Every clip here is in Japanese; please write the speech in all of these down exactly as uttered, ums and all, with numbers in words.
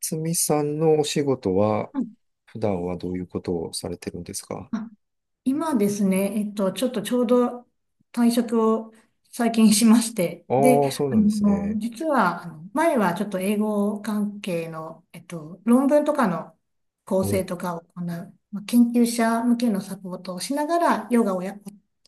つみさんのお仕事は、うん。普段はどういうことをされてるんですか？あ、今ですね、えっと、ちょっとちょうど退職を最近しまして、で、ああ、そうあなんですの、ね。実は、あの前はちょっと英語関係の、えっと、論文とかの構お、成とかを行う、まあ、研究者向けのサポートをしながらヨガをや、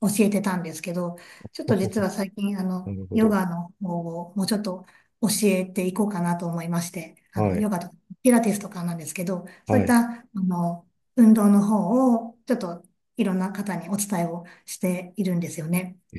教えてたんですけど、ちょっと実 は最近、あなの、るほヨど。ガの方をもうちょっと教えていこうかなと思いまして、あはの、い、ヨガとかピラティスとかなんですけど、そうはいっい。た、あの、運動の方をちょっといろんな方にお伝えをしているんですよね。え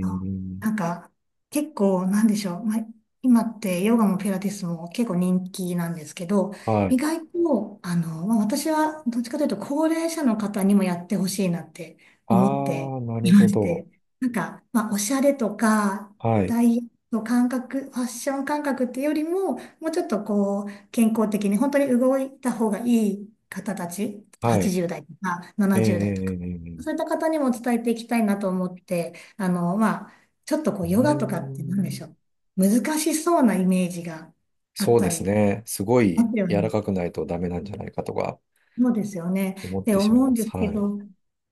あ、なんか、結構、なんでしょう。まあ、今ってヨガもピラティスも結構人気なんですけど、は意い。外と、あの、まあ、私はどっちかというと高齢者の方にもやってほしいなって思ってああ、なるいまほしど。て、なんか、まあ、おしゃれとか、はい、ダイエット感覚、ファッション感覚っていうよりも、もうちょっとこう、健康的に本当に動いた方がいい方たち、はい。はちじゅうだい代とかええ、えななじゅうだい代とえ、か、えそういっえ。た方にも伝えていきたいなと思って、あの、まあ、ちょっとこうう、ーヨガとかって何でしょん。う。難しそうなイメージがあっそうたでりすしね。すごまいすよ柔らね。かくないとダメなんじゃないかとかそうですよね。思っで、てしまい思うまんです。すけはい、ど、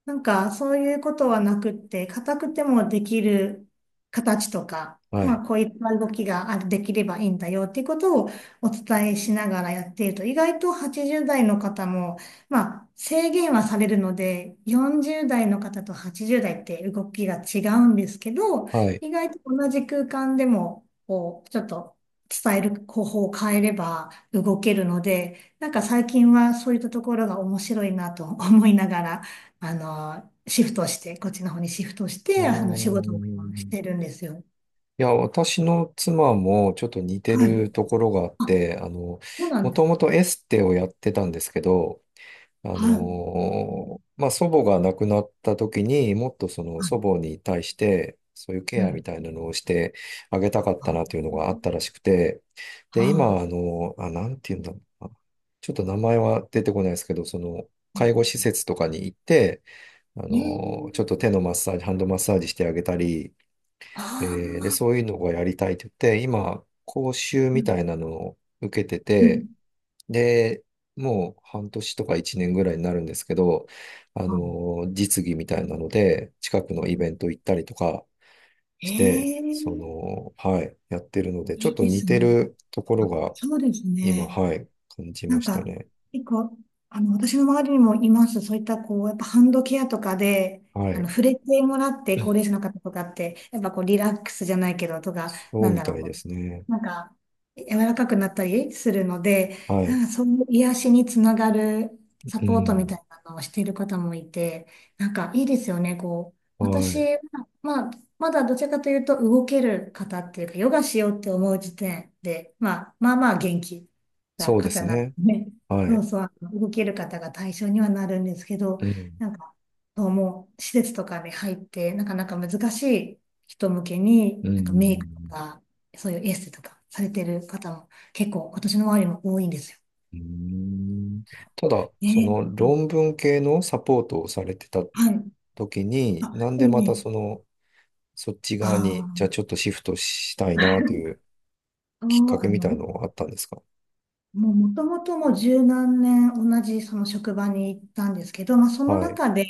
なんかそういうことはなくって、硬くてもできる形とか、はまい、あこういった動きがあるできればいいんだよっていうことをお伝えしながらやっていると、意外とはちじゅうだい代の方も、まあ制限はされるので、よんじゅうだい代の方とはちじゅうだい代って動きが違うんですけど、はい。意外と同じ空間でも、こう、ちょっと伝える方法を変えれば動けるので、なんか最近はそういったところが面白いなと思いながら、あの、シフトして、こっちの方にシフトしあて、あの、仕あ、事を今してるんですよ。いや、私の妻もちょっと似てはい。るところがあっあ、て、あの、そうなもんでとす。もとエステをやってたんですけど、あはい。はの、まあ、祖母が亡くなった時にもっとその祖い。母に対して、そういうケうアみん。たいなのをしてあげたかったなとあ、いうのがあったらしくて、で、は今、あの、あ、なんていうんだろうな。ちょっと名前は出てこないですけど、その、い。う介ん。護施設とかに行って、あねえ。の、ちょっと手のマッサージ、ハンドマッサージしてあげたり、あえーで、そあ、ういうのがやりたいって言って、今、講習うみん。たいなのを受けてうて、ん。で、もう半年とか一年ぐらいになるんですけど、あはのー実技みたいなので、近くのイベント行ったりとかい。えして、そえ、の、はい、やってるので、ちょいっいとで似すてね。るとこあ、ろがそうです今、ね。はい、感じなまんしたか、ね。結構、あの、私の周りにもいます。そういった、こう、やっぱハンドケアとかで、はあい。の、触れてもらって、高齢者の方とかって、やっぱこう、リラックスじゃないけど、とか、そなうんみだたろう、いこですね。う、なんか、柔らかくなったりするので、はい。なんかそういう癒しにつながるサうポートみん。たいなのをしている方もいて、なんかいいですよね、こう。は私い。は、まあ、まだどちらかというと動ける方っていうか、ヨガしようって思う時点で、まあ、まあまあ元気。たそうで方すなのね。ね、はそい。うそう、あの動ける方が対象にはなるんですけど、うん。なんか、そうもう施設とかに入って、なかなか難しい人向けに、うなんかメイクとん。か、そういうエステとかされてる方も結構、今年の周りも多いんですよ。うーんただ、そね、のうん。論文系のサポートをされてたはい。時に、あ、なんいでいまたね。その、そっち側に、じゃああちょっとシフトしたいなというあ、きっかけあみの、たいのはあったんですか？もう元々もう十何年同じその職場に行ったんですけど、まあ、そのはい。中で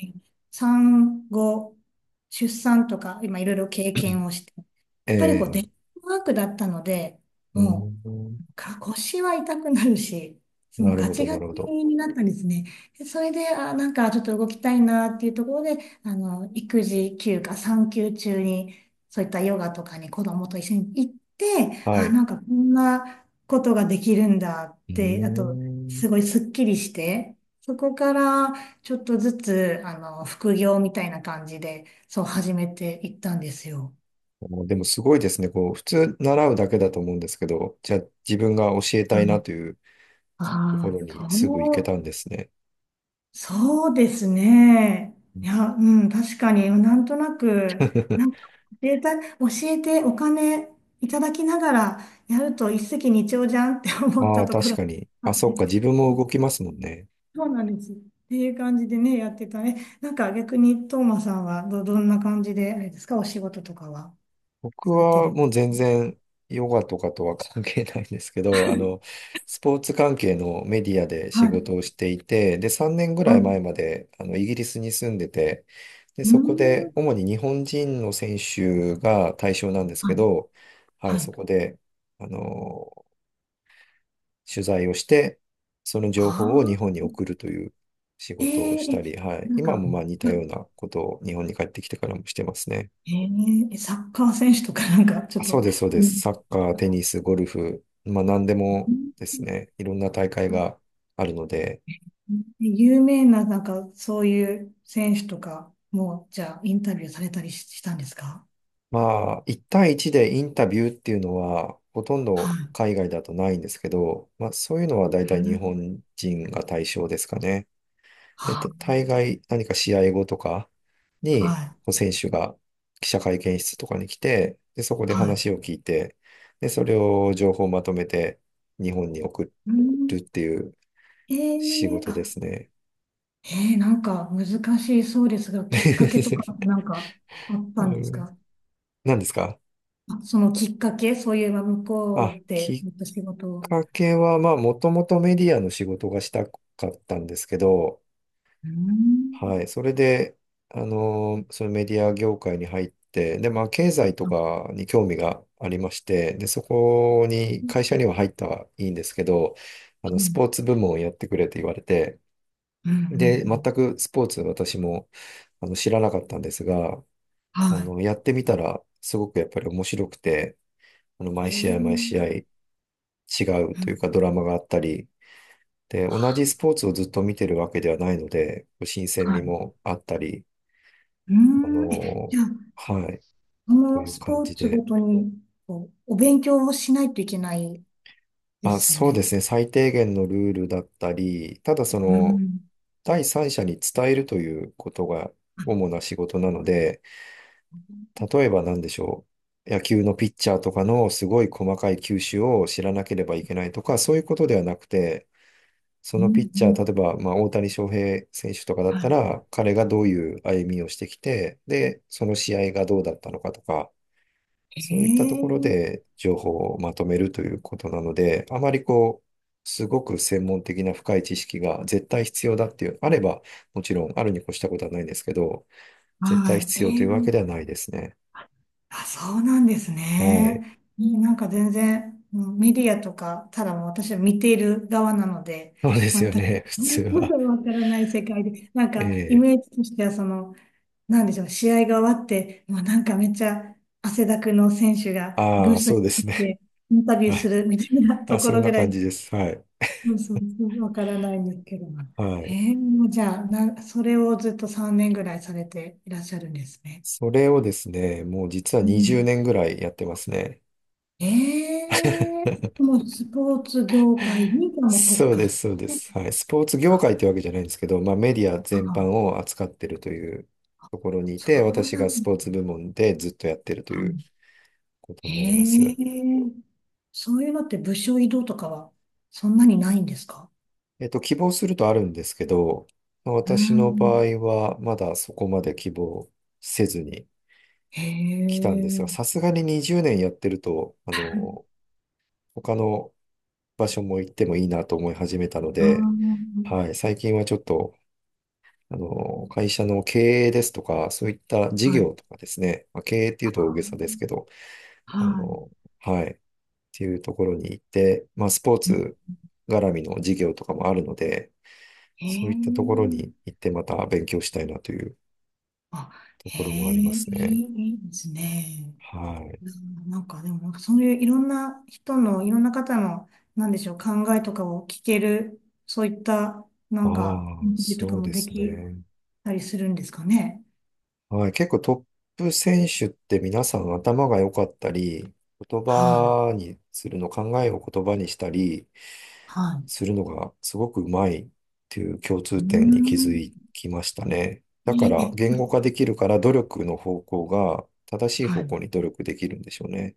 産後、出産とか今いろいろ経験をして、やっぱりこうデ ええ、スクワークだったので、うーもん。うか腰は痛くなるし、もなうるガほチど、なガチるほど。になったんですね。でそれで、あ、なんかちょっと動きたいなっていうところで、あの、育児休暇、産休中に、そういったヨガとかに子供と一緒に行って、はい。あ、うなんかこんなことができるんだっーて、あと、ん。すごいスッキリして、そこからちょっとずつ、あの、副業みたいな感じで、そう始めていったんですよ。お、でもすごいですね。こう、普通習うだけだと思うんですけど、じゃあ自分が教えたいなというとこああろー、にすぐ行けそたう。んですね。そうですね。いや、うん、確かに、なんとなく、なんか 教えた、教えてお金いただきながらやると一石二鳥じゃんって思っあたあ、ところ確がかに。ああ、っそっか、て、自分うもん。動きますもんね。そうなんです。っていう感じでね、やってたね。なんか逆に、トーマさんはど、どんな感じで、あれですか、お仕事とかは僕されてはるんもでうす全然ヨガとかとは関係ないんですけど、あの、スポーツ関係のメディアでか？仕は事い。をしていて、で、さんねんぐあ、らうい前まであのイギリスに住んでて、で、ーそこでん。主に日本人の選手が対象なんですはけい。ど、ははい、そい。こで、あの、取材をして、その情あ報を日本にあ、送るという仕え事をしたーり、え、はい、なん今か、もまあ似たようなことを日本に帰ってきてからもしてますね。えーえサッカー選手とかなんかちょあ、っそうと、です、そうでうす。ん。サッカー、テニス、ゴルフ、まあ何でもですね、いろんな大会があるので、有名ななんかそういう選手とかも、じゃあインタビューされたりししたんですか？まあいち対いちでインタビューっていうのはほとんはどい。海外だとないんですけど、まあそういうのは大う体日ん、本人が対象ですかね。で、は、た大概何か試合後とかはに、い。こう選手が記者会見室とかに来て、で、そこではい。話を聞いて、で、それを情報をまとめて日本に送うるん。っていうえ仕ー、事であ、すね。えー、なんか難しいそうですが、きっかけとか なんかあったうんですん。か？何ですか？あ、そのきっかけ、そういえば向こあ、うきでっやった仕事を。かけは、まあ、もともとメディアの仕事がしたかったんですけど、うん。はい、それで、あのーそのメディア業界に入って、で、まあ、経済とかに興味がありまして、で、そこに、うん。会社には入ったはいいんですけど、あうの、スポん。ーツ部門をやってくれって言われて、うん。うで、全ん。くスポーツ私も、あの、知らなかったんですが、あはの、やってみたら、すごくやっぱり面白くて、あの、い。毎試え合毎試ー合違ううといん。うかドラマがあったり、で、同じスポーツをずっと見てるわけではないので、新鮮は味い。もあったり、うーあん。え、じのゃあ、ーはい、ことのいうス感ポーじツごで。とに、こう、お勉強をしないといけないでまあすそうでね。すね、最低限のルールだったり、ただそうの、ん。第三者に伝えるということが主な仕事なので、例えば何でしょう。野球のピッチャーとかのすごい細かい球種を知らなければいけないとか、そういうことではなくて、そうん、のピッうチャー、例えん。ば、まあ、大谷翔平選手とかだったはら、彼がどういう歩みをしてきて、で、その試合がどうだったのかとか、そういったところい。ええ。で情報をまとめるということなので、あまりこう、すごく専門的な深い知識が絶対必要だっていう、あれば、もちろんあるに越したことはないんですけど、絶対はい。必え要というわけではえ。ないですね。あ、そうなんですはい。ね。うん。なんか全然、うん、メディアとか、ただもう私は見ている側なので、そうです全よく ね、普通は。わからない世界で、なんかイええ、メージとしてはその、なんでしょうね、試合が終わって、もうなんかめっちゃ汗だくの選手がブあーあ、スにそうで入すっね。てインタビューはすい。るみたいなとあ、こそんろなぐら感じい、です。はい。そうそうそう、わからないんですけど。はへい。え、もうじゃあ、な、それをずっとさんねんぐらいされていらっしゃるんですね。それをですね、もう実はう20ん。年ぐらいやってますね。ええ、もうスポーツ業界にもう特そう化でしす、そうでて、す。はい。スポーツ業あ、界ってわけじゃないんですけど、まあメディア全般あ、を扱ってるというところにいそて、う私ながんスだ。ポーツ部門でずっとやってるというあ。ことへになりまえ、す。そういうのって部署移動とかはそんなにないんですか？えっと、希望するとあるんですけど、まあうー私の場ん。合はまだそこまで希望せずにへ来たんですが、え。さすがににじゅうねんやってると、あの、他の場所も行ってもいいなと思い始めたのあで、あ、はい、最近はちょっとあの、会社の経営ですとか、そういった事はい。業とかですね、まあ、経営っていうとあ大げさですけど、あ、あはの、はい、っていうところに行って、まあ、スポーい。うん。ツ絡みの事業とかもあるので、へそういったところえ。に行ってまた勉強したいなというあ、とへころもあえ、りまいすね。い、いいですね。はい。うん。なんかでも、そういういろんな人の、いろんな方の、なんでしょう、考えとかを聞ける、そういった、なあんか、イあ、ンタビューとそかうもでですきね。たりするんですかね。はい。結構トップ選手って皆さん頭が良かったり、言はい。葉にするの、考えを言葉にしたり、はい。するのがすごくうまいっていう共通う点に気ん。づきましたね。えだからえ、言語ええ。化できるから努力の方向が正しいは方い。向に努力できるんでしょうね。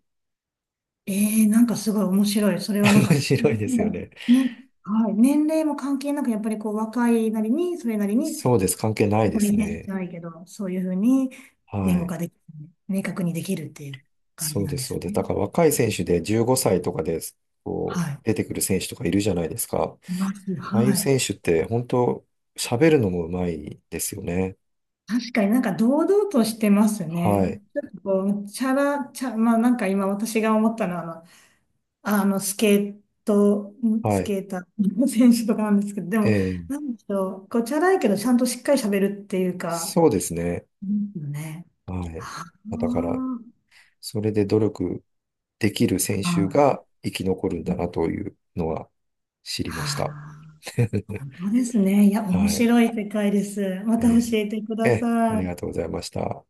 ええ。なんかすごい面白い。それはなん 面か、白いですよもね。うね、はい、年齢も関係なく、やっぱりこう、若いなりに、それなりに、そうです。関係ないこでれすねじね。ゃないけど、そういうふうには言語い。化できる、明確にできるっていう感じそうなんでです、そすうです。だね。から若い選手でじゅうごさいとかではこうい。出てくる選手とかいるじゃないですか。います。ああいうはい。選手って本当喋るのもうまいですよね。確かになんか堂々としてますはね。い。ちょっとこう、チャラ、チャ、まあなんか今私が思ったのは、あの、スケート、んはスい。ケーターの選手とかなんですけど、でえも、ーなんでしょう、ごちゃらいけど、ちゃんとしっかり喋るっていうか、そうですね。うんね。はい。だから、それで努力できる選あ、手はあ、が生き残るんだなというのは知りはました。あ、本当ですね。いや、面はい。白い世界です。また教ええてくーだえー、あさりい。がとうございました。